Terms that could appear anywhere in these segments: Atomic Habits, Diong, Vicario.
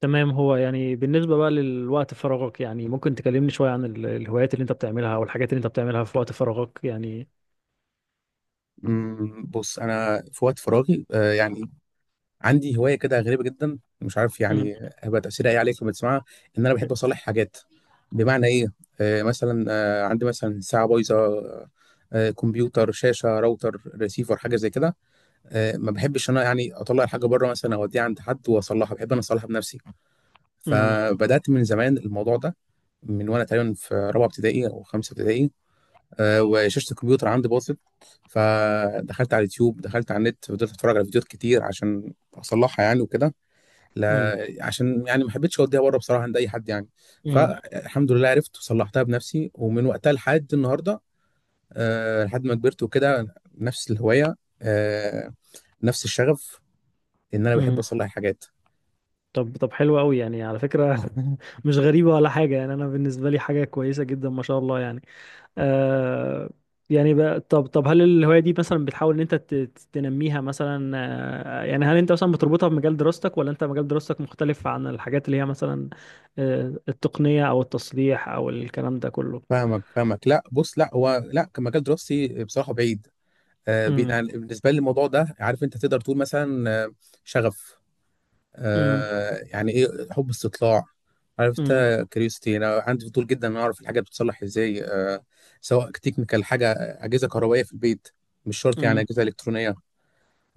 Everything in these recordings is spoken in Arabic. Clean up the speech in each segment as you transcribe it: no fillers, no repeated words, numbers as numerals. تمام، هو يعني بالنسبة بقى للوقت فراغك يعني، ممكن تكلمني شوية عن الهوايات اللي انت بتعملها او الحاجات اللي انت بتعملها في وقت فراغك يعني. بص انا في وقت فراغي، يعني عندي هوايه كده غريبه جدا. مش عارف مم. يعني هيبقى تاثيرها ايه عليك لما تسمعها. ان انا بحب اصلح حاجات. بمعنى ايه؟ مثلا عندي مثلا ساعه بايظه، كمبيوتر، شاشه، راوتر، ريسيفر، حاجه زي كده. ما بحبش انا يعني اطلع الحاجه بره مثلا اوديها عند حد واصلحها، بحب انا اصلحها بنفسي. مم. فبدات من زمان الموضوع ده، من وانا تقريبا في رابعه ابتدائي او خمسه ابتدائي. وشاشه الكمبيوتر عندي باظت، فدخلت على اليوتيوب، دخلت على النت، فضلت اتفرج على فيديوهات كتير عشان اصلحها يعني وكده. مم. لا عشان يعني ما حبيتش اوديها بره بصراحه عند اي حد يعني. مم. فالحمد لله عرفت وصلحتها بنفسي، ومن وقتها لحد النهارده، لحد ما كبرت وكده، نفس الهوايه، آه، نفس الشغف، ان انا بحب مم. اصلح حاجات. طب حلو قوي يعني، على فكرة. مش غريبة ولا حاجة يعني، انا بالنسبة لي حاجة كويسة جدا، ما شاء الله يعني. آه يعني بقى طب هل الهواية دي مثلا بتحاول ان انت تنميها مثلا؟ يعني هل انت مثلا بتربطها بمجال دراستك، ولا انت مجال دراستك مختلف عن الحاجات اللي هي مثلا التقنية او التصليح او الكلام ده كله؟ فاهمك، لا بص، لا هو لا، كمجال دراستي بصراحه بعيد. بي- امم. يعني بالنسبه لي الموضوع ده، عارف انت تقدر تقول مثلا شغف، آه يعني ايه، حب استطلاع. عرفت؟ امم. كريوستي، انا عندي فضول جدا ان اعرف الحاجه بتتصلح ازاي. آه سواء تكنيكال حاجه، اجهزه كهربائيه في البيت، مش شرط يعني امم. اجهزه الكترونيه.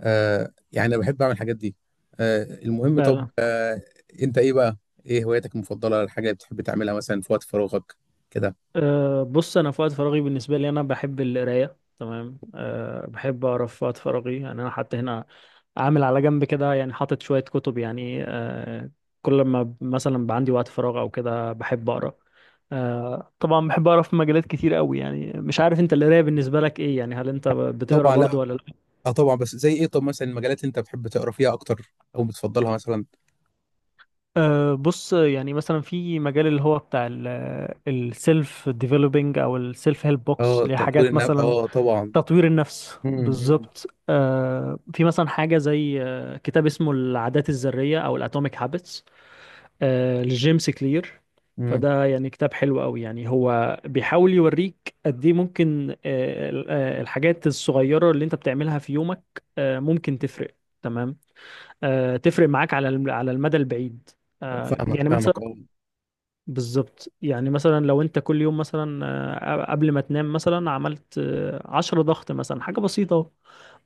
آه يعني انا بحب اعمل الحاجات دي. آه المهم، طب آه، انت ايه بقى، ايه هواياتك المفضله، الحاجه اللي بتحب تعملها مثلا في وقت فراغك كده؟ أه، بص انا في وقت فراغي بالنسبه لي انا بحب القرايه. تمام. أه، بحب اقرا في وقت فراغي يعني. انا حتى هنا عامل على جنب كده يعني، حاطط شويه كتب يعني. كل ما مثلا بقى عندي وقت فراغ او كده بحب اقرا. أه طبعا بحب اقرا في مجالات كتير قوي يعني. مش عارف انت، القرايه بالنسبه لك ايه يعني؟ هل انت بتقرا طبعا، لا برضو ولا لا؟ اه طبعا. بس زي ايه؟ طب مثلا المجالات اللي انت بتحب تقرا فيها اكتر او بتفضلها مثلا؟ أه، بص يعني مثلا في مجال اللي هو بتاع السيلف ديفلوبينج او السيلف هيلب بوكس، اه اللي هي تطوير حاجات النفس مثلا اه طبعا. تطوير النفس، امم. بالظبط. في مثلا حاجة زي كتاب اسمه العادات الذرية أو الأتوميك هابتس، لجيمس كلير. امم. فده يعني كتاب حلو قوي يعني. هو بيحاول يوريك قد ايه ممكن الحاجات الصغيرة اللي انت بتعملها في يومك ممكن تفرق. تمام. تفرق معاك على على المدى البعيد. فاهمك يعني فاهمك مثلا، اه. بالظبط يعني، مثلا لو انت كل يوم مثلا قبل ما تنام مثلا عملت 10 ضغط مثلا، حاجة بسيطة اهو.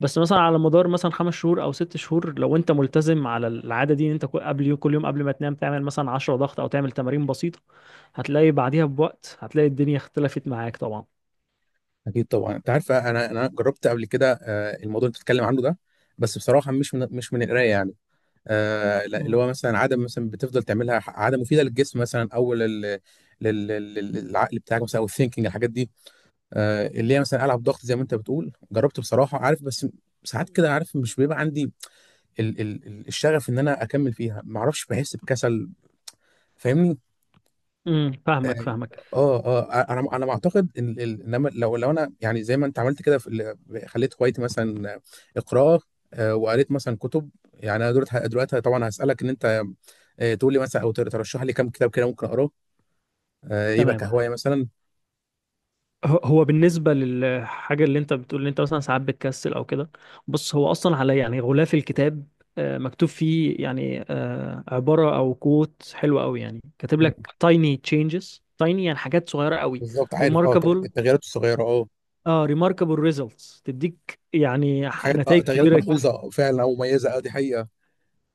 بس مثلا على مدار مثلا 5 شهور او 6 شهور، لو انت ملتزم على العادة دي، ان انت قبل يوم كل يوم قبل ما تنام تعمل مثلا 10 ضغط، او تعمل تمارين بسيطة، هتلاقي بعديها بوقت، هتلاقي الدنيا اختلفت معاك طبعا. اكيد طبعا. انت عارف، انا جربت قبل كده الموضوع اللي بتتكلم عنه ده، بس بصراحه مش من القرايه يعني. لا، اللي مم. هو مثلا عاده مثلا بتفضل تعملها، ح- عاده مفيده للجسم مثلا، او لل للعقل بتاعك مثلا، او الثينكينج، الحاجات دي. اللي هي مثلا العب ضغط زي ما انت بتقول، جربت بصراحه عارف، بس ساعات كده عارف مش بيبقى عندي الشغف ان انا اكمل فيها، ما اعرفش بحس بكسل. فاهمني؟ امم. اه فاهمك فاهمك. اه انا بعتقد ان ال-، انما لو انا يعني زي ما انت عملت كده في ال-، خليت هوايتي مثلا قراءه. وقريت مثلا كتب يعني، انا دلوقتي طبعا هسالك ان انت تقول لي مثلا او تر- ترشح لي كام كتاب كده ممكن اقراه، يبقى تمام. كهوايه مثلا. هو بالنسبة للحاجة اللي انت بتقول ان انت مثلا ساعات بتكسل او كده، بص هو اصلا على يعني غلاف الكتاب مكتوب فيه يعني عبارة او كوت حلوة قوي يعني، كاتب مم. لك tiny changes tiny يعني، حاجات صغيرة قوي. بالظبط عارف اه، التغ- Remarkable. التغييرات الصغيره اه. اه، remarkable results، تديك يعني حاجات اه، نتائج تغييرات كبيرة. ملحوظه فعلا، او مميزه اه، دي حقيقه.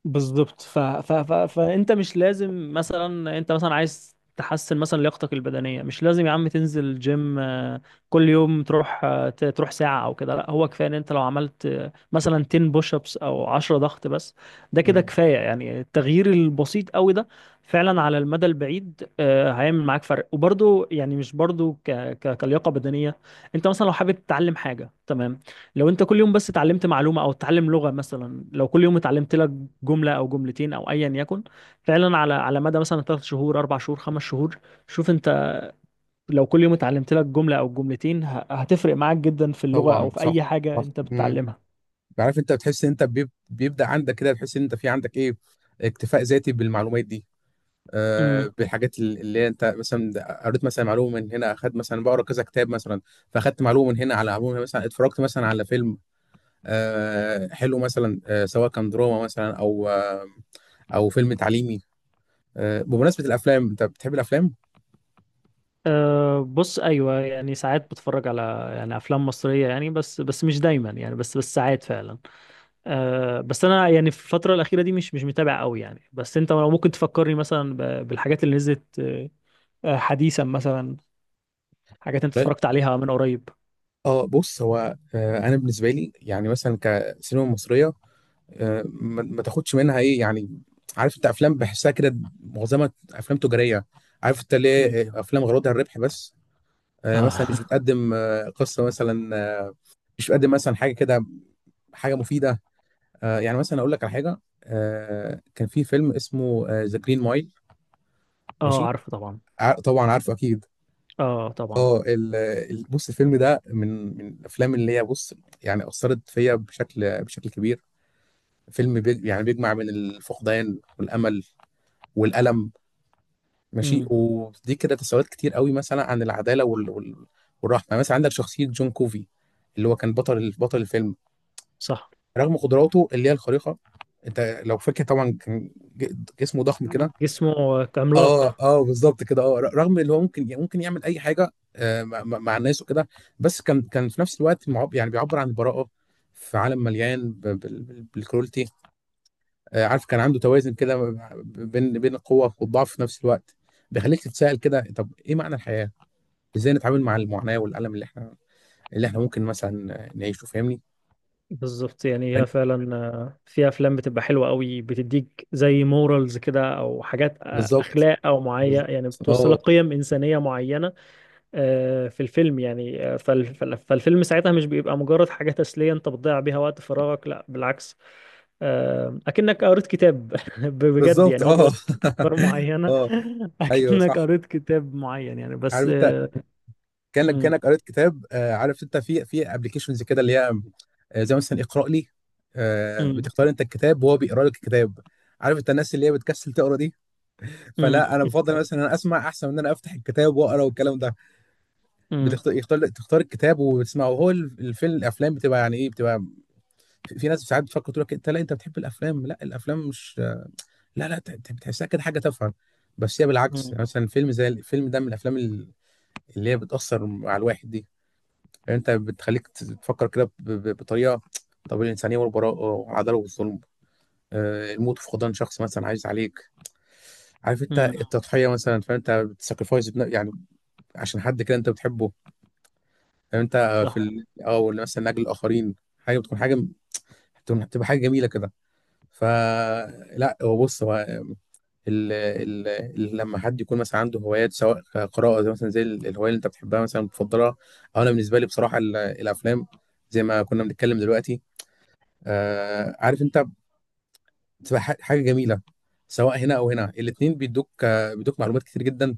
بالظبط. فانت مش لازم مثلا، انت مثلا عايز تحسن مثلا لياقتك البدنيه، مش لازم يا عم تنزل جيم كل يوم تروح تروح ساعه او كده. لا، هو كفايه ان انت لو عملت مثلا 10 بوش ابس او 10 ضغط بس، ده كده مم. كفايه يعني. التغيير البسيط قوي ده فعلا على المدى البعيد هيعمل معاك فرق، وبرده يعني، مش برده كلياقه بدنيه. انت مثلا لو حابب تتعلم حاجه، تمام، لو انت كل يوم بس اتعلمت معلومة، او اتعلم لغة مثلا، لو كل يوم اتعلمت لك جملة او جملتين او ايا يكن، فعلا على مدى مثلا 3 شهور، 4 شهور، 5 شهور، شوف انت، لو كل يوم اتعلمت لك جملة او جملتين هتفرق معاك جدا في اللغة او طبعا في صح، اي حاجة صح انت مم. بتتعلمها. عارف انت، بتحس ان انت بيب- بيبدا عندك كده، تحس ان انت في عندك ايه، اكتفاء ذاتي بالمعلومات دي، امم. بالحاجات اللي هي انت مثلا قريت مثلا معلومه من هنا، اخدت مثلا بقرا كذا كتاب مثلا. فاخدت معلومه من هنا على معلومه، مثلا اتفرجت مثلا على فيلم حلو مثلا، سواء كان دراما مثلا، او او فيلم تعليمي. بمناسبه الافلام، انت بتحب الافلام؟ أه، بص ايوه يعني، ساعات بتفرج على يعني افلام مصريه يعني، بس مش دايما يعني، بس ساعات فعلا. أه، بس انا يعني في الفتره الاخيره دي مش متابع قوي يعني. بس انت لو ممكن تفكرني مثلا بالحاجات اللي نزلت حديثا مثلا، حاجات انت لا. اتفرجت عليها من قريب. اه بص هو، انا بالنسبه لي يعني مثلا كسينما مصريه، ما ما تاخدش منها ايه يعني. عارف انت، افلام بحسها كده معظمها افلام تجاريه. عارف انت مم. ليه؟ افلام غرضها الربح بس، اه. مثلا مش بتقدم قصه مثلا، آه، مش بتقدم مثلا حاجه كده، حاجه مفيده. يعني مثلا اقول لك على حاجه، كان في فيلم اسمه ذا جرين مايل. ماشي، اه، عارفه طبعا. ع- طبعا عارفه اكيد. اه طبعا. اه ال- ال- بص، الفيلم ده من الافلام اللي هي، بص، يعني اثرت فيا بشكل كبير. فيلم بيج، يعني بيجمع بين الفقدان والامل والالم، ماشي، امم. ودي كده تساؤلات كتير قوي، مثلا عن العداله وال- وال- والرحمه مثلا. عندك شخصيه جون كوفي، اللي هو كان بطل الفيلم، صح. رغم قدراته اللي هي الخارقه. انت لو فاكر طبعا كان ج- جسمه ضخم كده. جسمه اه عملاق. اه بالظبط كده اه، ر- رغم اللي هو ممكن يعمل اي حاجه، مع مع- مع الناس وكده، بس كان في نفس الوقت معب يعني بيعبر عن البراءه في عالم مليان ب- بال- بال- بالكرولتي. عارف كان عنده توازن كده، ب- بين القوه والضعف في نفس الوقت. بيخليك تتساءل كده، طب ايه معنى الحياه؟ ازاي نتعامل مع المعاناه والالم اللي احنا، اللي احنا ممكن مثلا نعيشه، فاهمني؟ بالظبط يعني، هي فعلا في افلام بتبقى حلوه قوي، بتديك زي مورالز كده او حاجات بالظبط اخلاق او معين بالظبط يعني، بتوصل اه لك قيم انسانيه معينه في الفيلم يعني. فالفيلم ساعتها مش بيبقى مجرد حاجه تسليه انت بتضيع بيها وقت فراغك، لا بالعكس. اكنك قريت كتاب. بجد بالظبط يعني، هو اه. بيوصف افكار معينه. اه ايوه اكنك صح. قريت كتاب معين يعني، بس عارف انت، كانك مم. كانك قريت كتاب آه. عارف انت، في ابلكيشنز كده اللي هي زي مثلا اقرا لي. آه مم. بتختار انت الكتاب وهو بيقرا لك الكتاب. عارف انت، الناس اللي هي بتكسل تقرا دي، مم. فلا انا بفضل مثلا ان بالظبط. انا اسمع احسن من ان انا افتح الكتاب واقرا والكلام ده. مم. بتختار يختار تختار الكتاب وبتسمعه. هو الف- الفيلم الافلام بتبقى يعني ايه بتبقى، في في ناس ساعات بتفكر تقول لك، انت لا انت بتحب الافلام، لا الافلام مش، لا بتحسها كده حاجه تافهه. بس هي بالعكس، مم. يعني مثلا فيلم زي الفيلم ده من الافلام اللي هي بتأثر على الواحد دي. يعني انت بتخليك تفكر كده ب- ب- بطريقة، طب الإنسانية والبراءة والعدالة والظلم، الموت في فقدان شخص مثلا عايز عليك، عارف انت مم. التضحية مثلا، فانت بتساكرفايس يعني عشان حد كده انت بتحبه. يعني انت في صح. ال...، اه ولا مثلا من أجل الآخرين، حاجة بتكون حاجة، بتبقى حاجة جميلة كده. فلا هو بص هو، لما حد يكون مثلا عنده هوايات، سواء قراءة زي مثلا زي ال- الهواية اللي انت بتحبها مثلا بتفضلها، او انا بالنسبة لي بصراحة ال- الافلام، زي ما كنا بنتكلم دلوقتي. آه عارف انت، بتبقى ح- حاجة جميلة، سواء هنا او هنا، الاتنين بيدوك، بيدوك معلومات كتير جدا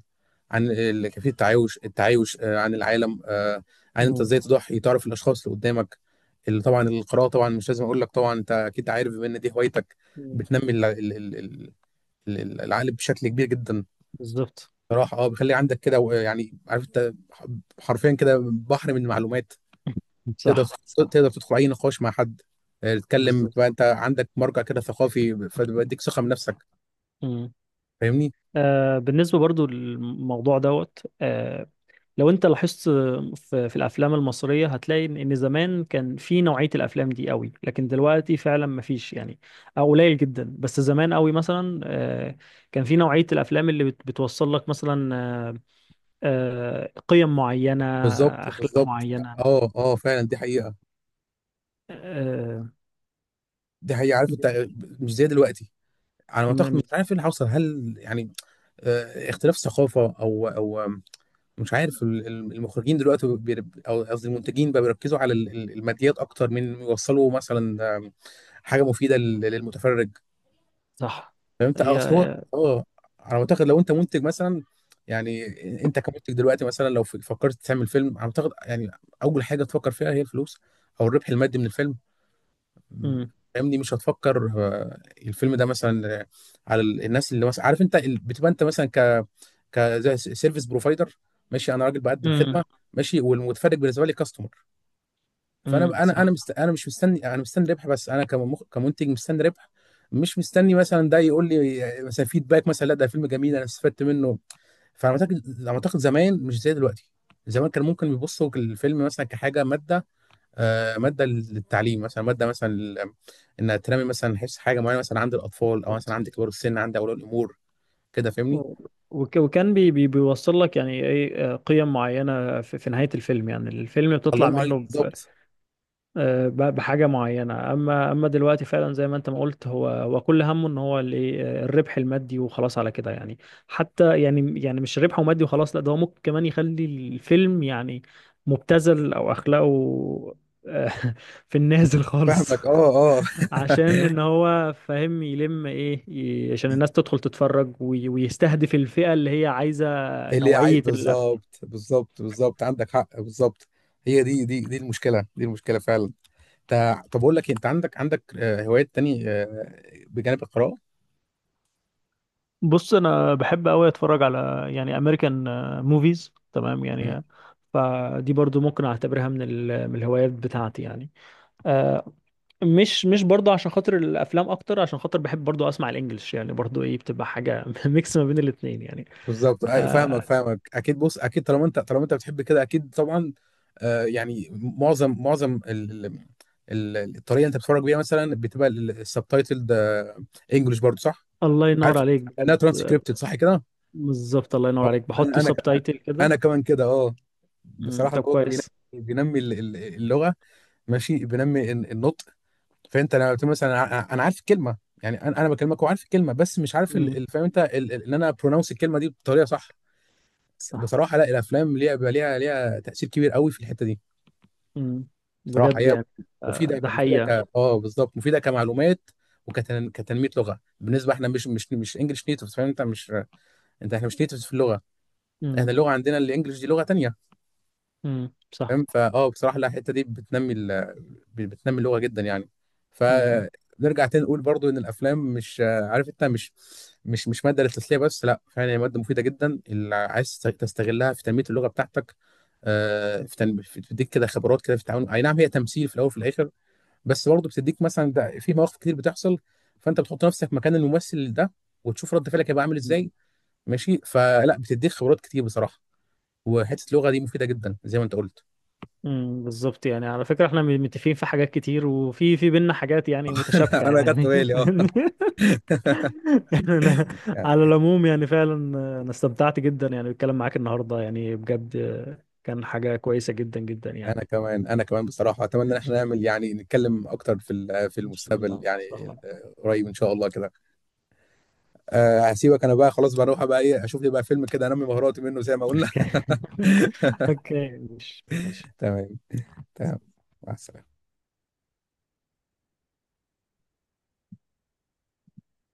عن ال- كيفية التعايش، التعايش آه عن العالم آه، عن انت مم. ازاي تضحي، تعرف الاشخاص اللي قدامك، اللي طبعا القراءة طبعا مش لازم اقول لك، طبعا انت اكيد عارف بما ان دي هوايتك، مم. بتنمي العقل بشكل كبير جدا. بالظبط. بصراحة اه، بيخلي عندك كده و- يعني عارف انت حرفيا كده بحر من المعلومات. تقدر صح صح. تقدر تدخل اي نقاش مع حد، تتكلم تبقى بالظبط. انت عندك مرجع كده ثقافي، فبيديك ثقة بنفسك. مم. فاهمني؟ بالنسبه برضو للموضوع دوت لو انت لاحظت في الافلام المصريه، هتلاقي ان زمان كان في نوعيه الافلام دي قوي، لكن دلوقتي فعلا ما فيش يعني، او قليل جدا. بس زمان قوي مثلا كان في نوعيه الافلام اللي بتوصل لك مثلا قيم معينه، بالظبط اخلاق بالظبط معينه اه اه فعلا، دي حقيقة. آه، دي حقيقة عارف انت، مش زي دلوقتي. على ما م- اعتقد مش مش- عارف ايه اللي حصل، هل يعني اختلاف ثقافة، او او مش عارف، ال- ال- المخرجين دلوقتي بيرب- او قصدي المنتجين بقى بيركزوا على ال- ال- الماديات اكتر من يوصلوا مثلا حاجه مفيده لل- للمتفرج. صح. فهمت اه، هي اصل هو هي- اه. انا معتقد لو انت منتج مثلا، يعني انت كمنتج دلوقتي مثلا، لو ف- فكرت تعمل فيلم، انا معتقد يعني، اول حاجه تفكر فيها هي الفلوس، او الربح المادي من الفيلم. م، مم. فاهمني، مش هتفكر الفيلم ده مثلا على ال- الناس اللي مثلا عارف انت ال- بتبقى انت مثلا، ك سيرفيس بروفايدر. ماشي، انا راجل بقدم خدمه، مم. ماشي، والمتفرج بالنسبه لي كاستمر. فانا مم. انا صح. مست...، انا مش مستني، انا مستني ربح بس، انا كمخ... كمنتج مستني ربح، مش مستني مثلا ده يقول لي مثلا فيدباك مثلا، لا ده فيلم جميل انا استفدت منه. فانا اعتقد زمان مش زي دلوقتي. زمان كان ممكن بيبصوا الفيلم مثلا كحاجه ماده، آه ماده للتعليم مثلا، ماده مثلا لل-، انها تنمي مثلا حس حاجه معينه مثلا، عند الاطفال او مثلا عند كبار السن، عند اولياء الامور كده. فاهمني؟ وكان بي بيوصل لك يعني ايه قيم معينه في نهايه الفيلم يعني، الفيلم الله بتطلع ينور عليك، منه بالظبط. بحاجه معينه. اما دلوقتي فعلا، زي ما انت ما قلت، هو كل همه ان هو ال- إيه، الربح المادي وخلاص على كده يعني. حتى يعني، مش ربحه مادي وخلاص، لا، ده هو ممكن كمان يخلي الفيلم يعني مبتذل او اخلاقه آه، في النازل خالص، فاهمك اه اه، عشان ان هو فاهم يلم ايه عشان الناس تدخل تتفرج ويستهدف الفئة اللي هي عايزة اللي عايز، نوعية الأف. بالظبط بالظبط بالظبط، عندك حق بالظبط. هي دي دي المشكله، دي المشكله فعلا. تا- طب اقول لك إيه، انت عندك عندك هوايات تاني بجانب القراءه. بص انا بحب قوي اتفرج على يعني امريكان موفيز، تمام يعني. مم. فدي برضو ممكن اعتبرها من من الهوايات بتاعتي يعني، آه. مش برضو عشان خاطر الافلام اكتر، عشان خاطر بحب برضو اسمع الانجليش يعني، برضو ايه، بتبقى حاجه ميكس ما بين الاتنين يعني. بالظبط أي- فاهمك آه فاهمك اكيد بص، اكيد طالما انت، طالما انت بتحب كده اكيد طبعا. يعني معظم ال- ال- ال- الطريقه اللي انت بتتفرج بيها مثلا بتبقى السبتايتلد انجلش برضو صح؟ الله ينور عارف عليك لانها بجد. ترانسكريبتد صح كده. بالظبط، الله ينور آه، عليك انا بحط سبتايتل انا كده. كمان كده اه. مم. بصراحه طب الموضوع ده كويس. بينمي، بينمي ال- ال- اللغه، ماشي، بينمي الن- النطق. فانت لما قلت مثلا انا ع- أنا عارف الكلمه، يعني انا بكلمك وعارف الكلمه، بس مش عارف ال- مم. ال- فاهم انت ال- ال- ان انا برونونس الكلمه دي بطريقه صح. صح. بصراحه لا، الافلام ليها بقى ليها تاثير كبير قوي في الحته دي. مم. بصراحه بجد هي يعني مفيده ك-، ده مفيده ك، حقيقة. اه بالظبط مفيده كمعلومات وكتنميه لغه، بالنسبه احنا مش انجلش نيتف، فاهم انت، مش انت احنا مش نيتف في اللغه، احنا مم. اللغه عندنا الانجليش دي لغه تانيه. مم. صح. فاهم فاه بصراحه لا، الحته دي بتنمي ال...، بتنمي اللغه جدا يعني. مم. فنرجع تاني نقول برضو ان الافلام مش عارف انت، مش ماده للتسليه بس، لا فعلا هي ماده مفيده جدا اللي عايز تستغلها في تنميه اللغه بتاعتك، في تن- في- بتديك كده خبرات كده في التعامل. اي نعم هي تمثيل في الاول وفي الاخر، بس برضو بتديك مثلا ده في مواقف كتير بتحصل، فانت بتحط نفسك مكان الممثل ده وتشوف رد فعلك هيبقى عامل مم. ازاي، ماشي، فلا بتديك خبرات كتير بصراحه. وحته اللغه دي مفيده جدا زي ما انت قلت. مم. بالظبط يعني، على فكرة احنا متفقين في حاجات كتير، وفي بينا حاجات يعني متشابكة انا خدت يعني، بالي اه. فاهمني؟ أنا يعني على العموم يعني، فعلا انا استمتعت جدا يعني بالكلام معاك النهاردة يعني، بجد كان حاجة كويسة جدا جدا يعني. انا كمان، انا كمان بصراحه اتمنى ان احنا ماشي. نعمل يعني نتكلم اكتر في ال- في ان شاء الله، المستقبل ان يعني. شاء الله. قريب ان شاء الله كده. أه هسيبك انا بقى، خلاص بقى اروح بقى ايه، اشوف لي بقى فيلم كده انمي مهاراتي منه زي ما قلنا. اوكي، ماشي ماشي. تمام. تمام. مع السلامه.